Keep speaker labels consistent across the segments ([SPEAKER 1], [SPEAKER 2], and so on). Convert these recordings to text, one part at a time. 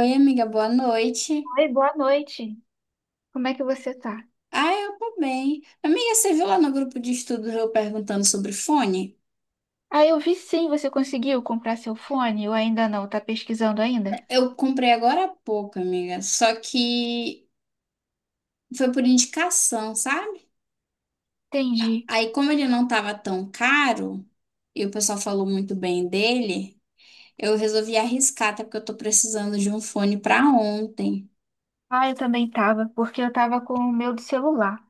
[SPEAKER 1] Oi, amiga, boa noite.
[SPEAKER 2] Oi, boa noite. Como é que você tá?
[SPEAKER 1] Ah, eu tô bem. Amiga, você viu lá no grupo de estudos eu perguntando sobre fone?
[SPEAKER 2] Ah, eu vi sim, você conseguiu comprar seu fone ou ainda não? Tá pesquisando ainda?
[SPEAKER 1] Eu comprei agora há pouco, amiga, só que foi por indicação, sabe?
[SPEAKER 2] Entendi.
[SPEAKER 1] Aí, como ele não tava tão caro e o pessoal falou muito bem dele, eu resolvi arriscar, até porque eu tô precisando de um fone pra ontem.
[SPEAKER 2] Ah, eu também tava, porque eu tava com o meu do celular.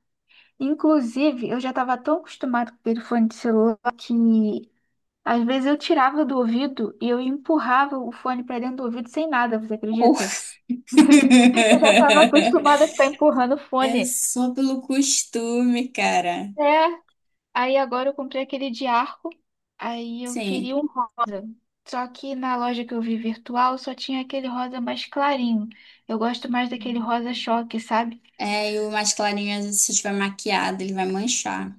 [SPEAKER 2] Inclusive, eu já tava tão acostumada com o fone de celular que às vezes eu tirava do ouvido e eu empurrava o fone pra dentro do ouvido sem nada, você
[SPEAKER 1] Ou-
[SPEAKER 2] acredita? Eu já tava acostumada a ficar empurrando o
[SPEAKER 1] É
[SPEAKER 2] fone.
[SPEAKER 1] só pelo costume, cara.
[SPEAKER 2] É. Aí agora eu comprei aquele de arco, aí eu
[SPEAKER 1] Sim.
[SPEAKER 2] queria um rosa. Só que na loja que eu vi virtual só tinha aquele rosa mais clarinho. Eu gosto mais daquele rosa choque, sabe?
[SPEAKER 1] É, e o mais clarinho, às vezes, se estiver maquiado, ele vai manchar.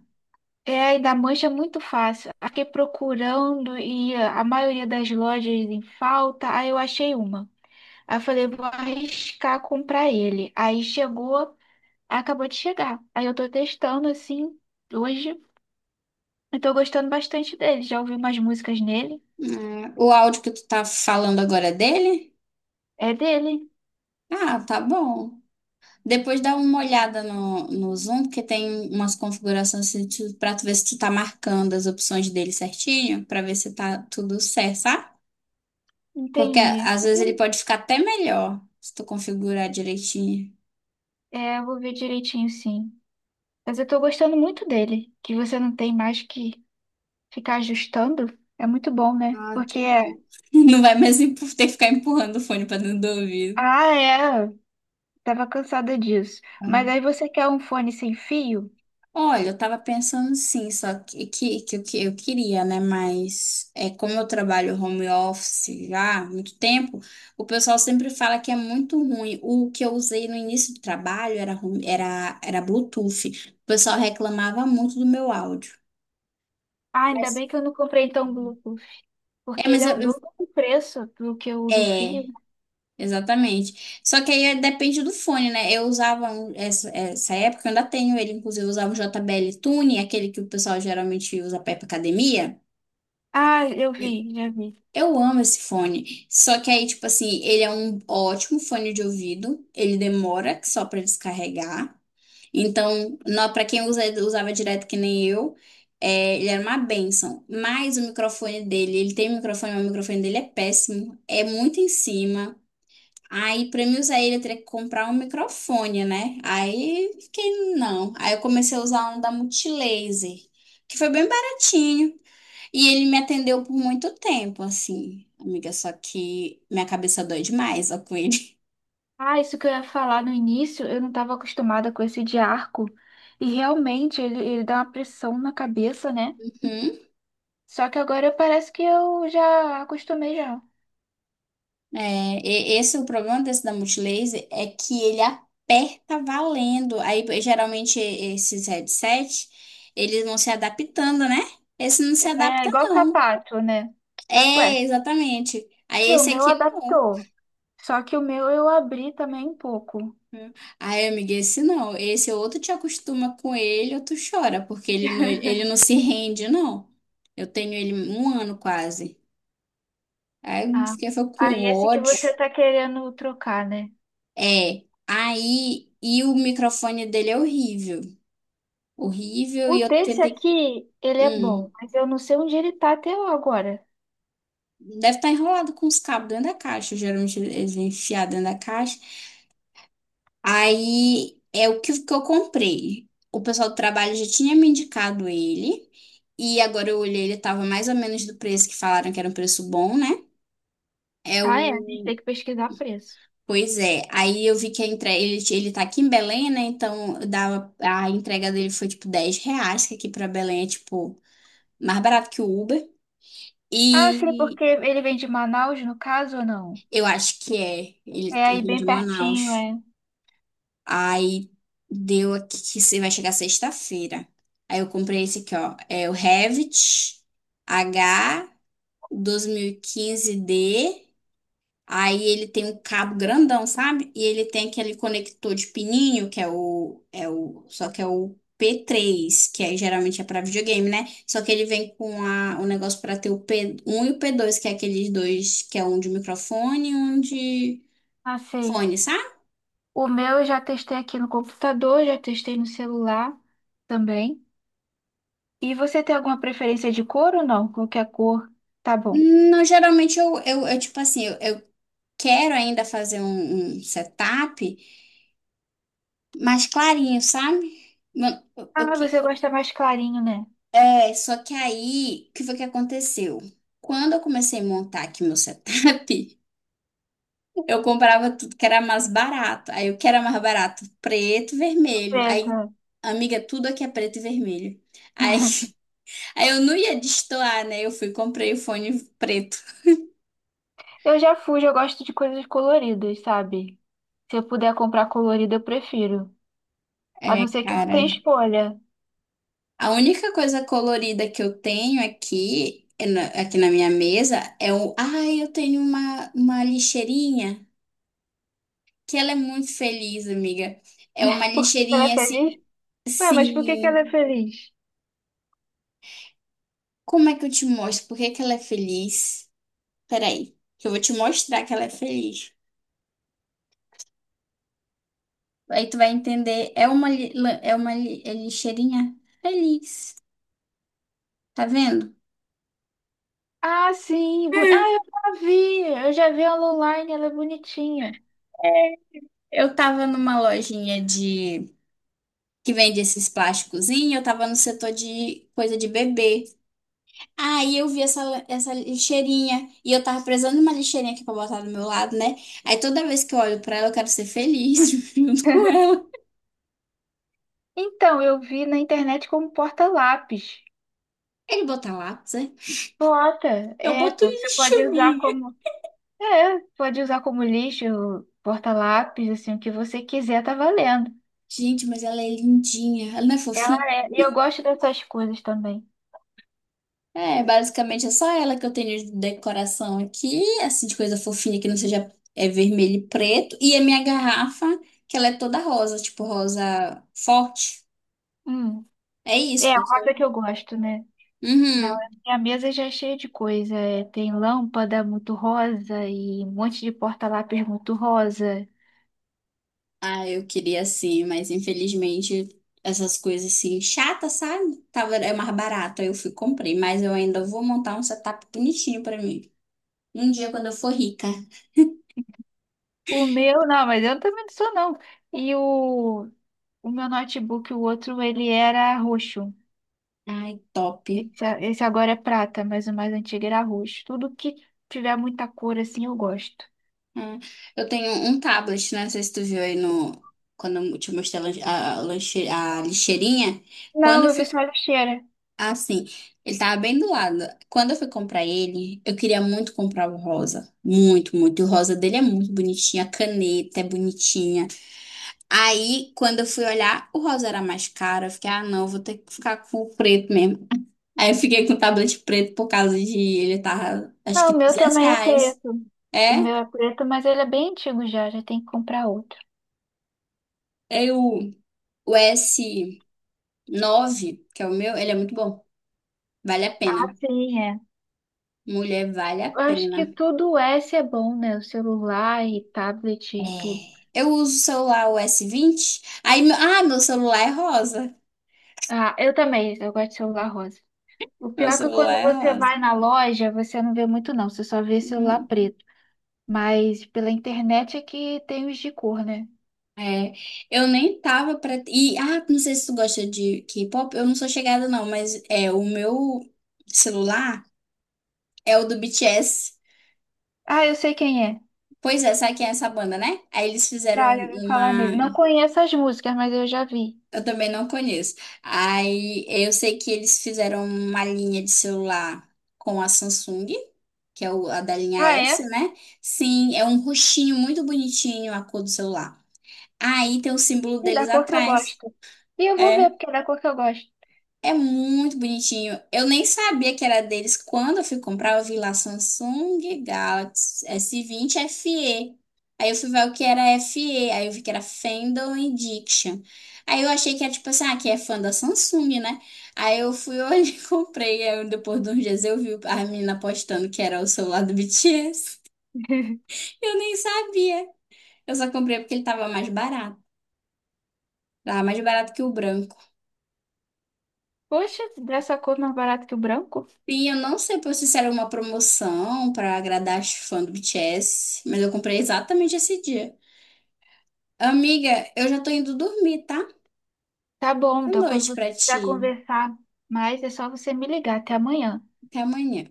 [SPEAKER 2] É, e da mancha é muito fácil. Aí fiquei procurando e a maioria das lojas em falta, aí eu achei uma. Aí eu falei, vou arriscar comprar ele. Aí chegou, acabou de chegar. Aí eu tô testando assim hoje. Eu tô gostando bastante dele. Já ouvi umas músicas nele.
[SPEAKER 1] É, o áudio que tu tá falando agora é dele?
[SPEAKER 2] É dele.
[SPEAKER 1] Ah, tá bom. Depois dá uma olhada no Zoom, porque tem umas configurações assim, pra tu ver se tu tá marcando as opções dele certinho, pra ver se tá tudo certo, sabe? Porque
[SPEAKER 2] Entendi.
[SPEAKER 1] às vezes ele
[SPEAKER 2] eu-
[SPEAKER 1] pode ficar até melhor, se tu configurar direitinho.
[SPEAKER 2] É, eu vou ver direitinho, sim. Mas eu tô gostando muito dele, que você não tem mais que ficar ajustando. É muito bom, né?
[SPEAKER 1] Ah,
[SPEAKER 2] Porque
[SPEAKER 1] que
[SPEAKER 2] é,
[SPEAKER 1] bom. Não vai mais ter que ficar empurrando o fone pra dentro do ouvido.
[SPEAKER 2] ah, é, tava cansada disso. Mas aí você quer um fone sem fio?
[SPEAKER 1] Olha, eu tava pensando sim, só que eu queria, né? Mas é como eu trabalho home office já há muito tempo, o pessoal sempre fala que é muito ruim. O que eu usei no início do trabalho era Bluetooth. O pessoal reclamava muito do meu áudio.
[SPEAKER 2] Ah, ainda
[SPEAKER 1] Mas
[SPEAKER 2] bem que eu não comprei então o Bluetooth,
[SPEAKER 1] é,
[SPEAKER 2] porque ele
[SPEAKER 1] mas
[SPEAKER 2] é o
[SPEAKER 1] eu, eu-
[SPEAKER 2] dobro do preço do que o do
[SPEAKER 1] é,
[SPEAKER 2] fio.
[SPEAKER 1] exatamente. Só que depende do fone, né? Eu usava essa época, eu ainda tenho ele, inclusive, eu usava o JBL Tune, aquele que o pessoal geralmente usa pra ir pra academia.
[SPEAKER 2] Ah, eu vi, já vi.
[SPEAKER 1] Eu amo esse fone. Só que aí, tipo assim, ele é um ótimo fone de ouvido. Ele demora só pra descarregar. Então, pra quem usava direto que nem eu, é, ele era uma bênção. Mas o microfone dele, ele tem um microfone, mas o microfone dele é péssimo. É muito em cima. Aí, pra mim usar ele, eu teria que comprar um microfone, né? Aí, fiquei, não. Aí eu comecei a usar um da Multilaser, que foi bem baratinho. E ele me atendeu por muito tempo, assim, amiga, só que minha cabeça dói demais, ó, com ele.
[SPEAKER 2] Ah, isso que eu ia falar no início, eu não estava acostumada com esse de arco. E realmente ele dá uma pressão na cabeça, né?
[SPEAKER 1] Uhum.
[SPEAKER 2] Só que agora parece que eu já acostumei já.
[SPEAKER 1] Esse é o problema desse da Multilaser, é que ele aperta valendo. Aí, geralmente, esses headset, eles vão se adaptando, né? Esse não se
[SPEAKER 2] É
[SPEAKER 1] adapta,
[SPEAKER 2] igual
[SPEAKER 1] não.
[SPEAKER 2] sapato, né? Ué,
[SPEAKER 1] É, exatamente. Aí,
[SPEAKER 2] e o
[SPEAKER 1] esse
[SPEAKER 2] meu
[SPEAKER 1] aqui, não.
[SPEAKER 2] adaptou. Só que o meu eu abri também um pouco.
[SPEAKER 1] Aí, amiga, esse não. Esse ou tu te acostuma com ele ou tu chora, porque ele não se rende, não. Eu tenho ele um ano quase. Aí
[SPEAKER 2] Ah,
[SPEAKER 1] esqueceu com
[SPEAKER 2] aí esse que
[SPEAKER 1] ódio.
[SPEAKER 2] você tá querendo trocar, né?
[SPEAKER 1] É. Aí, e o microfone dele é horrível. Horrível,
[SPEAKER 2] O
[SPEAKER 1] e eu
[SPEAKER 2] desse
[SPEAKER 1] tentei.
[SPEAKER 2] aqui, ele é bom,
[SPEAKER 1] Hum,
[SPEAKER 2] mas eu não sei onde ele tá até agora.
[SPEAKER 1] deve estar enrolado com os cabos dentro da caixa. Geralmente eles vêm enfiados dentro da caixa. Aí é o que eu comprei. O pessoal do trabalho já tinha me indicado ele. E agora eu olhei, ele tava mais ou menos do preço que falaram que era um preço bom, né? É
[SPEAKER 2] Ah, é? A gente tem
[SPEAKER 1] o
[SPEAKER 2] que pesquisar preço.
[SPEAKER 1] Pois é, aí eu vi que a entrega, ele tá aqui em Belém, né? Então dava, a entrega dele foi tipo R$ 10, que aqui pra Belém é tipo mais barato que o Uber.
[SPEAKER 2] Ah, sim,
[SPEAKER 1] E
[SPEAKER 2] porque ele vem de Manaus, no caso, ou não?
[SPEAKER 1] eu acho que é, ele
[SPEAKER 2] É aí
[SPEAKER 1] vem de
[SPEAKER 2] bem pertinho,
[SPEAKER 1] Manaus.
[SPEAKER 2] é.
[SPEAKER 1] Aí deu aqui que se vai chegar sexta-feira. Aí eu comprei esse aqui, ó. É o Revit H 2015 d. Aí ele tem um cabo grandão, sabe? E ele tem aquele conector de pininho, que é o, é o, só que é o p três que aí geralmente é para videogame, né? Só que ele vem com a, o negócio para ter o p um e o p dois que é aqueles dois, que é um de microfone e um de
[SPEAKER 2] Ah, sei.
[SPEAKER 1] fone, sabe?
[SPEAKER 2] O meu eu já testei aqui no computador, já testei no celular também. E você tem alguma preferência de cor ou não? Qualquer cor, tá bom.
[SPEAKER 1] Não, geralmente eu, tipo assim, eu quero ainda fazer um setup mais clarinho, sabe? Mano, eu, eu,
[SPEAKER 2] Ah, você gosta mais clarinho, né?
[SPEAKER 1] É, só que aí, o que foi que aconteceu? Quando eu comecei a montar aqui meu setup, eu comprava tudo que era mais barato. Aí o que era mais barato? Preto, vermelho. Aí,
[SPEAKER 2] Preta.
[SPEAKER 1] amiga, tudo aqui é preto e vermelho. Aí, aí eu não ia destoar, né? Eu fui e comprei o fone preto.
[SPEAKER 2] Eu já fujo, eu gosto de coisas coloridas, sabe? Se eu puder comprar colorida, eu prefiro. A
[SPEAKER 1] É,
[SPEAKER 2] não ser que não tenha
[SPEAKER 1] cara.
[SPEAKER 2] escolha.
[SPEAKER 1] A única coisa colorida que eu tenho aqui, é aqui na minha mesa, é o. Ai, eu tenho uma lixeirinha. Que ela é muito feliz, amiga. É uma
[SPEAKER 2] Por que ela é
[SPEAKER 1] lixeirinha
[SPEAKER 2] feliz?
[SPEAKER 1] assim,
[SPEAKER 2] Ué, mas por que que ela
[SPEAKER 1] assim.
[SPEAKER 2] é feliz?
[SPEAKER 1] Como é que eu te mostro? Por que que ela é feliz? Peraí, que eu vou te mostrar que ela é feliz. Aí tu vai entender. É uma lixeirinha feliz. Tá vendo?
[SPEAKER 2] Ah, sim. Ah, eu já vi. Eu já vi ela online, ela é bonitinha.
[SPEAKER 1] Eu tava numa lojinha de que vende esses plásticozinhos, eu tava no setor de coisa de bebê. Aí eu vi essa lixeirinha e eu tava precisando de uma lixeirinha aqui pra botar do meu lado, né? Aí toda vez que eu olho pra ela, eu quero ser feliz junto com ela.
[SPEAKER 2] Então, eu vi na internet como porta-lápis.
[SPEAKER 1] Ele bota lápis, né?
[SPEAKER 2] Bota.
[SPEAKER 1] Eu
[SPEAKER 2] É,
[SPEAKER 1] boto
[SPEAKER 2] pô, você
[SPEAKER 1] lixo,
[SPEAKER 2] pode usar
[SPEAKER 1] minha.
[SPEAKER 2] como É, pode usar como lixo, porta-lápis, assim, o que você quiser, tá valendo.
[SPEAKER 1] Gente, mas ela é lindinha. Ela não é fofinha?
[SPEAKER 2] Ela é, e eu gosto dessas coisas também.
[SPEAKER 1] É, basicamente é só ela que eu tenho de decoração aqui, assim, de coisa fofinha que não seja é vermelho e preto. E a minha garrafa, que ela é toda rosa, tipo rosa forte.
[SPEAKER 2] Hum.
[SPEAKER 1] É
[SPEAKER 2] É,
[SPEAKER 1] isso,
[SPEAKER 2] a
[SPEAKER 1] porque
[SPEAKER 2] rosa que
[SPEAKER 1] eu.
[SPEAKER 2] eu gosto, né? Não, a
[SPEAKER 1] Uhum.
[SPEAKER 2] minha mesa já é cheia de coisa. É, tem lâmpada muito rosa e um monte de porta-lápis muito rosa.
[SPEAKER 1] Ah, eu queria sim, mas infelizmente essas coisas assim, chatas, sabe? Tava, é mais barato, aí eu fui e comprei, mas eu ainda vou montar um setup bonitinho pra mim. Um dia quando eu for rica.
[SPEAKER 2] O meu, não, mas eu também não sou, não. E o meu notebook, o outro, ele era roxo.
[SPEAKER 1] Ai, top.
[SPEAKER 2] Esse agora é prata, mas o mais antigo era roxo. Tudo que tiver muita cor, assim, eu gosto.
[SPEAKER 1] Ah, eu tenho um tablet, né? Não sei se tu viu aí no. Quando eu te mostrei a, lan- a lanche- a lixeirinha. Quando
[SPEAKER 2] Não,
[SPEAKER 1] eu
[SPEAKER 2] eu
[SPEAKER 1] fui.
[SPEAKER 2] vi só a lixeira.
[SPEAKER 1] Assim, ele tava bem do lado. Quando eu fui comprar ele, eu queria muito comprar o rosa. Muito, muito. E o rosa dele é muito bonitinho. A caneta é bonitinha. Aí, quando eu fui olhar, o rosa era mais caro. Eu fiquei, ah, não, vou ter que ficar com o preto mesmo. Aí eu fiquei com o tablet preto por causa de ele tava, acho
[SPEAKER 2] Ah,
[SPEAKER 1] que
[SPEAKER 2] o meu
[SPEAKER 1] duzentos
[SPEAKER 2] também é
[SPEAKER 1] reais.
[SPEAKER 2] preto. O
[SPEAKER 1] É,
[SPEAKER 2] meu é preto, mas ele é bem antigo já, já tem que comprar outro.
[SPEAKER 1] aí o S9, que é o meu, ele é muito bom. Vale a pena.
[SPEAKER 2] Sim, é.
[SPEAKER 1] Mulher, vale a
[SPEAKER 2] Eu acho
[SPEAKER 1] pena.
[SPEAKER 2] que tudo S é bom, né? O celular e tablet e tudo.
[SPEAKER 1] É. Eu uso o celular o S20. Aí, meu, ah, meu celular é rosa.
[SPEAKER 2] Ah, eu também, eu gosto de celular rosa. O
[SPEAKER 1] Meu
[SPEAKER 2] pior é que
[SPEAKER 1] celular
[SPEAKER 2] quando
[SPEAKER 1] é
[SPEAKER 2] você
[SPEAKER 1] rosa.
[SPEAKER 2] vai na loja, você não vê muito, não. Você só vê celular
[SPEAKER 1] Uhum.
[SPEAKER 2] preto. Mas pela internet é que tem os de cor, né?
[SPEAKER 1] É, eu nem tava pra. E, ah, não sei se tu gosta de K-pop, eu não sou chegada não, mas é, o meu celular é o do BTS.
[SPEAKER 2] Ah, eu sei quem é.
[SPEAKER 1] Pois é, sabe quem é essa banda, né? Aí eles
[SPEAKER 2] Já,
[SPEAKER 1] fizeram
[SPEAKER 2] já ouvi falar
[SPEAKER 1] uma.
[SPEAKER 2] nele. Não conheço as músicas, mas eu já vi.
[SPEAKER 1] Eu também não conheço. Aí eu sei que eles fizeram uma linha de celular com a Samsung, que é a da linha
[SPEAKER 2] Ah,
[SPEAKER 1] S,
[SPEAKER 2] é?
[SPEAKER 1] né? Sim, é um roxinho muito bonitinho a cor do celular. Aí tem o símbolo
[SPEAKER 2] E da
[SPEAKER 1] deles
[SPEAKER 2] cor que eu
[SPEAKER 1] atrás.
[SPEAKER 2] gosto. E eu vou ver
[SPEAKER 1] É.
[SPEAKER 2] porque é da cor que eu gosto.
[SPEAKER 1] É muito bonitinho. Eu nem sabia que era deles. Quando eu fui comprar, eu vi lá Samsung Galaxy S20 FE. Aí eu fui ver o que era FE. Aí eu vi que era Fandom Edition. Aí eu achei que era tipo assim, ah, que é fã da Samsung, né? Aí eu fui hoje e comprei. Aí depois de uns dias eu vi a menina postando que era o celular do BTS. Eu nem sabia. Eu só comprei porque ele tava mais barato. Tava mais barato que o branco.
[SPEAKER 2] Poxa, dessa cor mais barata que o branco?
[SPEAKER 1] Sim, eu não sei se isso era uma promoção para agradar as fãs do BTS, mas eu comprei exatamente esse dia. Amiga, eu já tô indo dormir, tá?
[SPEAKER 2] Tá bom,
[SPEAKER 1] Boa
[SPEAKER 2] então quando
[SPEAKER 1] noite
[SPEAKER 2] você
[SPEAKER 1] pra
[SPEAKER 2] quiser
[SPEAKER 1] ti.
[SPEAKER 2] conversar mais, é só você me ligar. Até amanhã.
[SPEAKER 1] Até amanhã.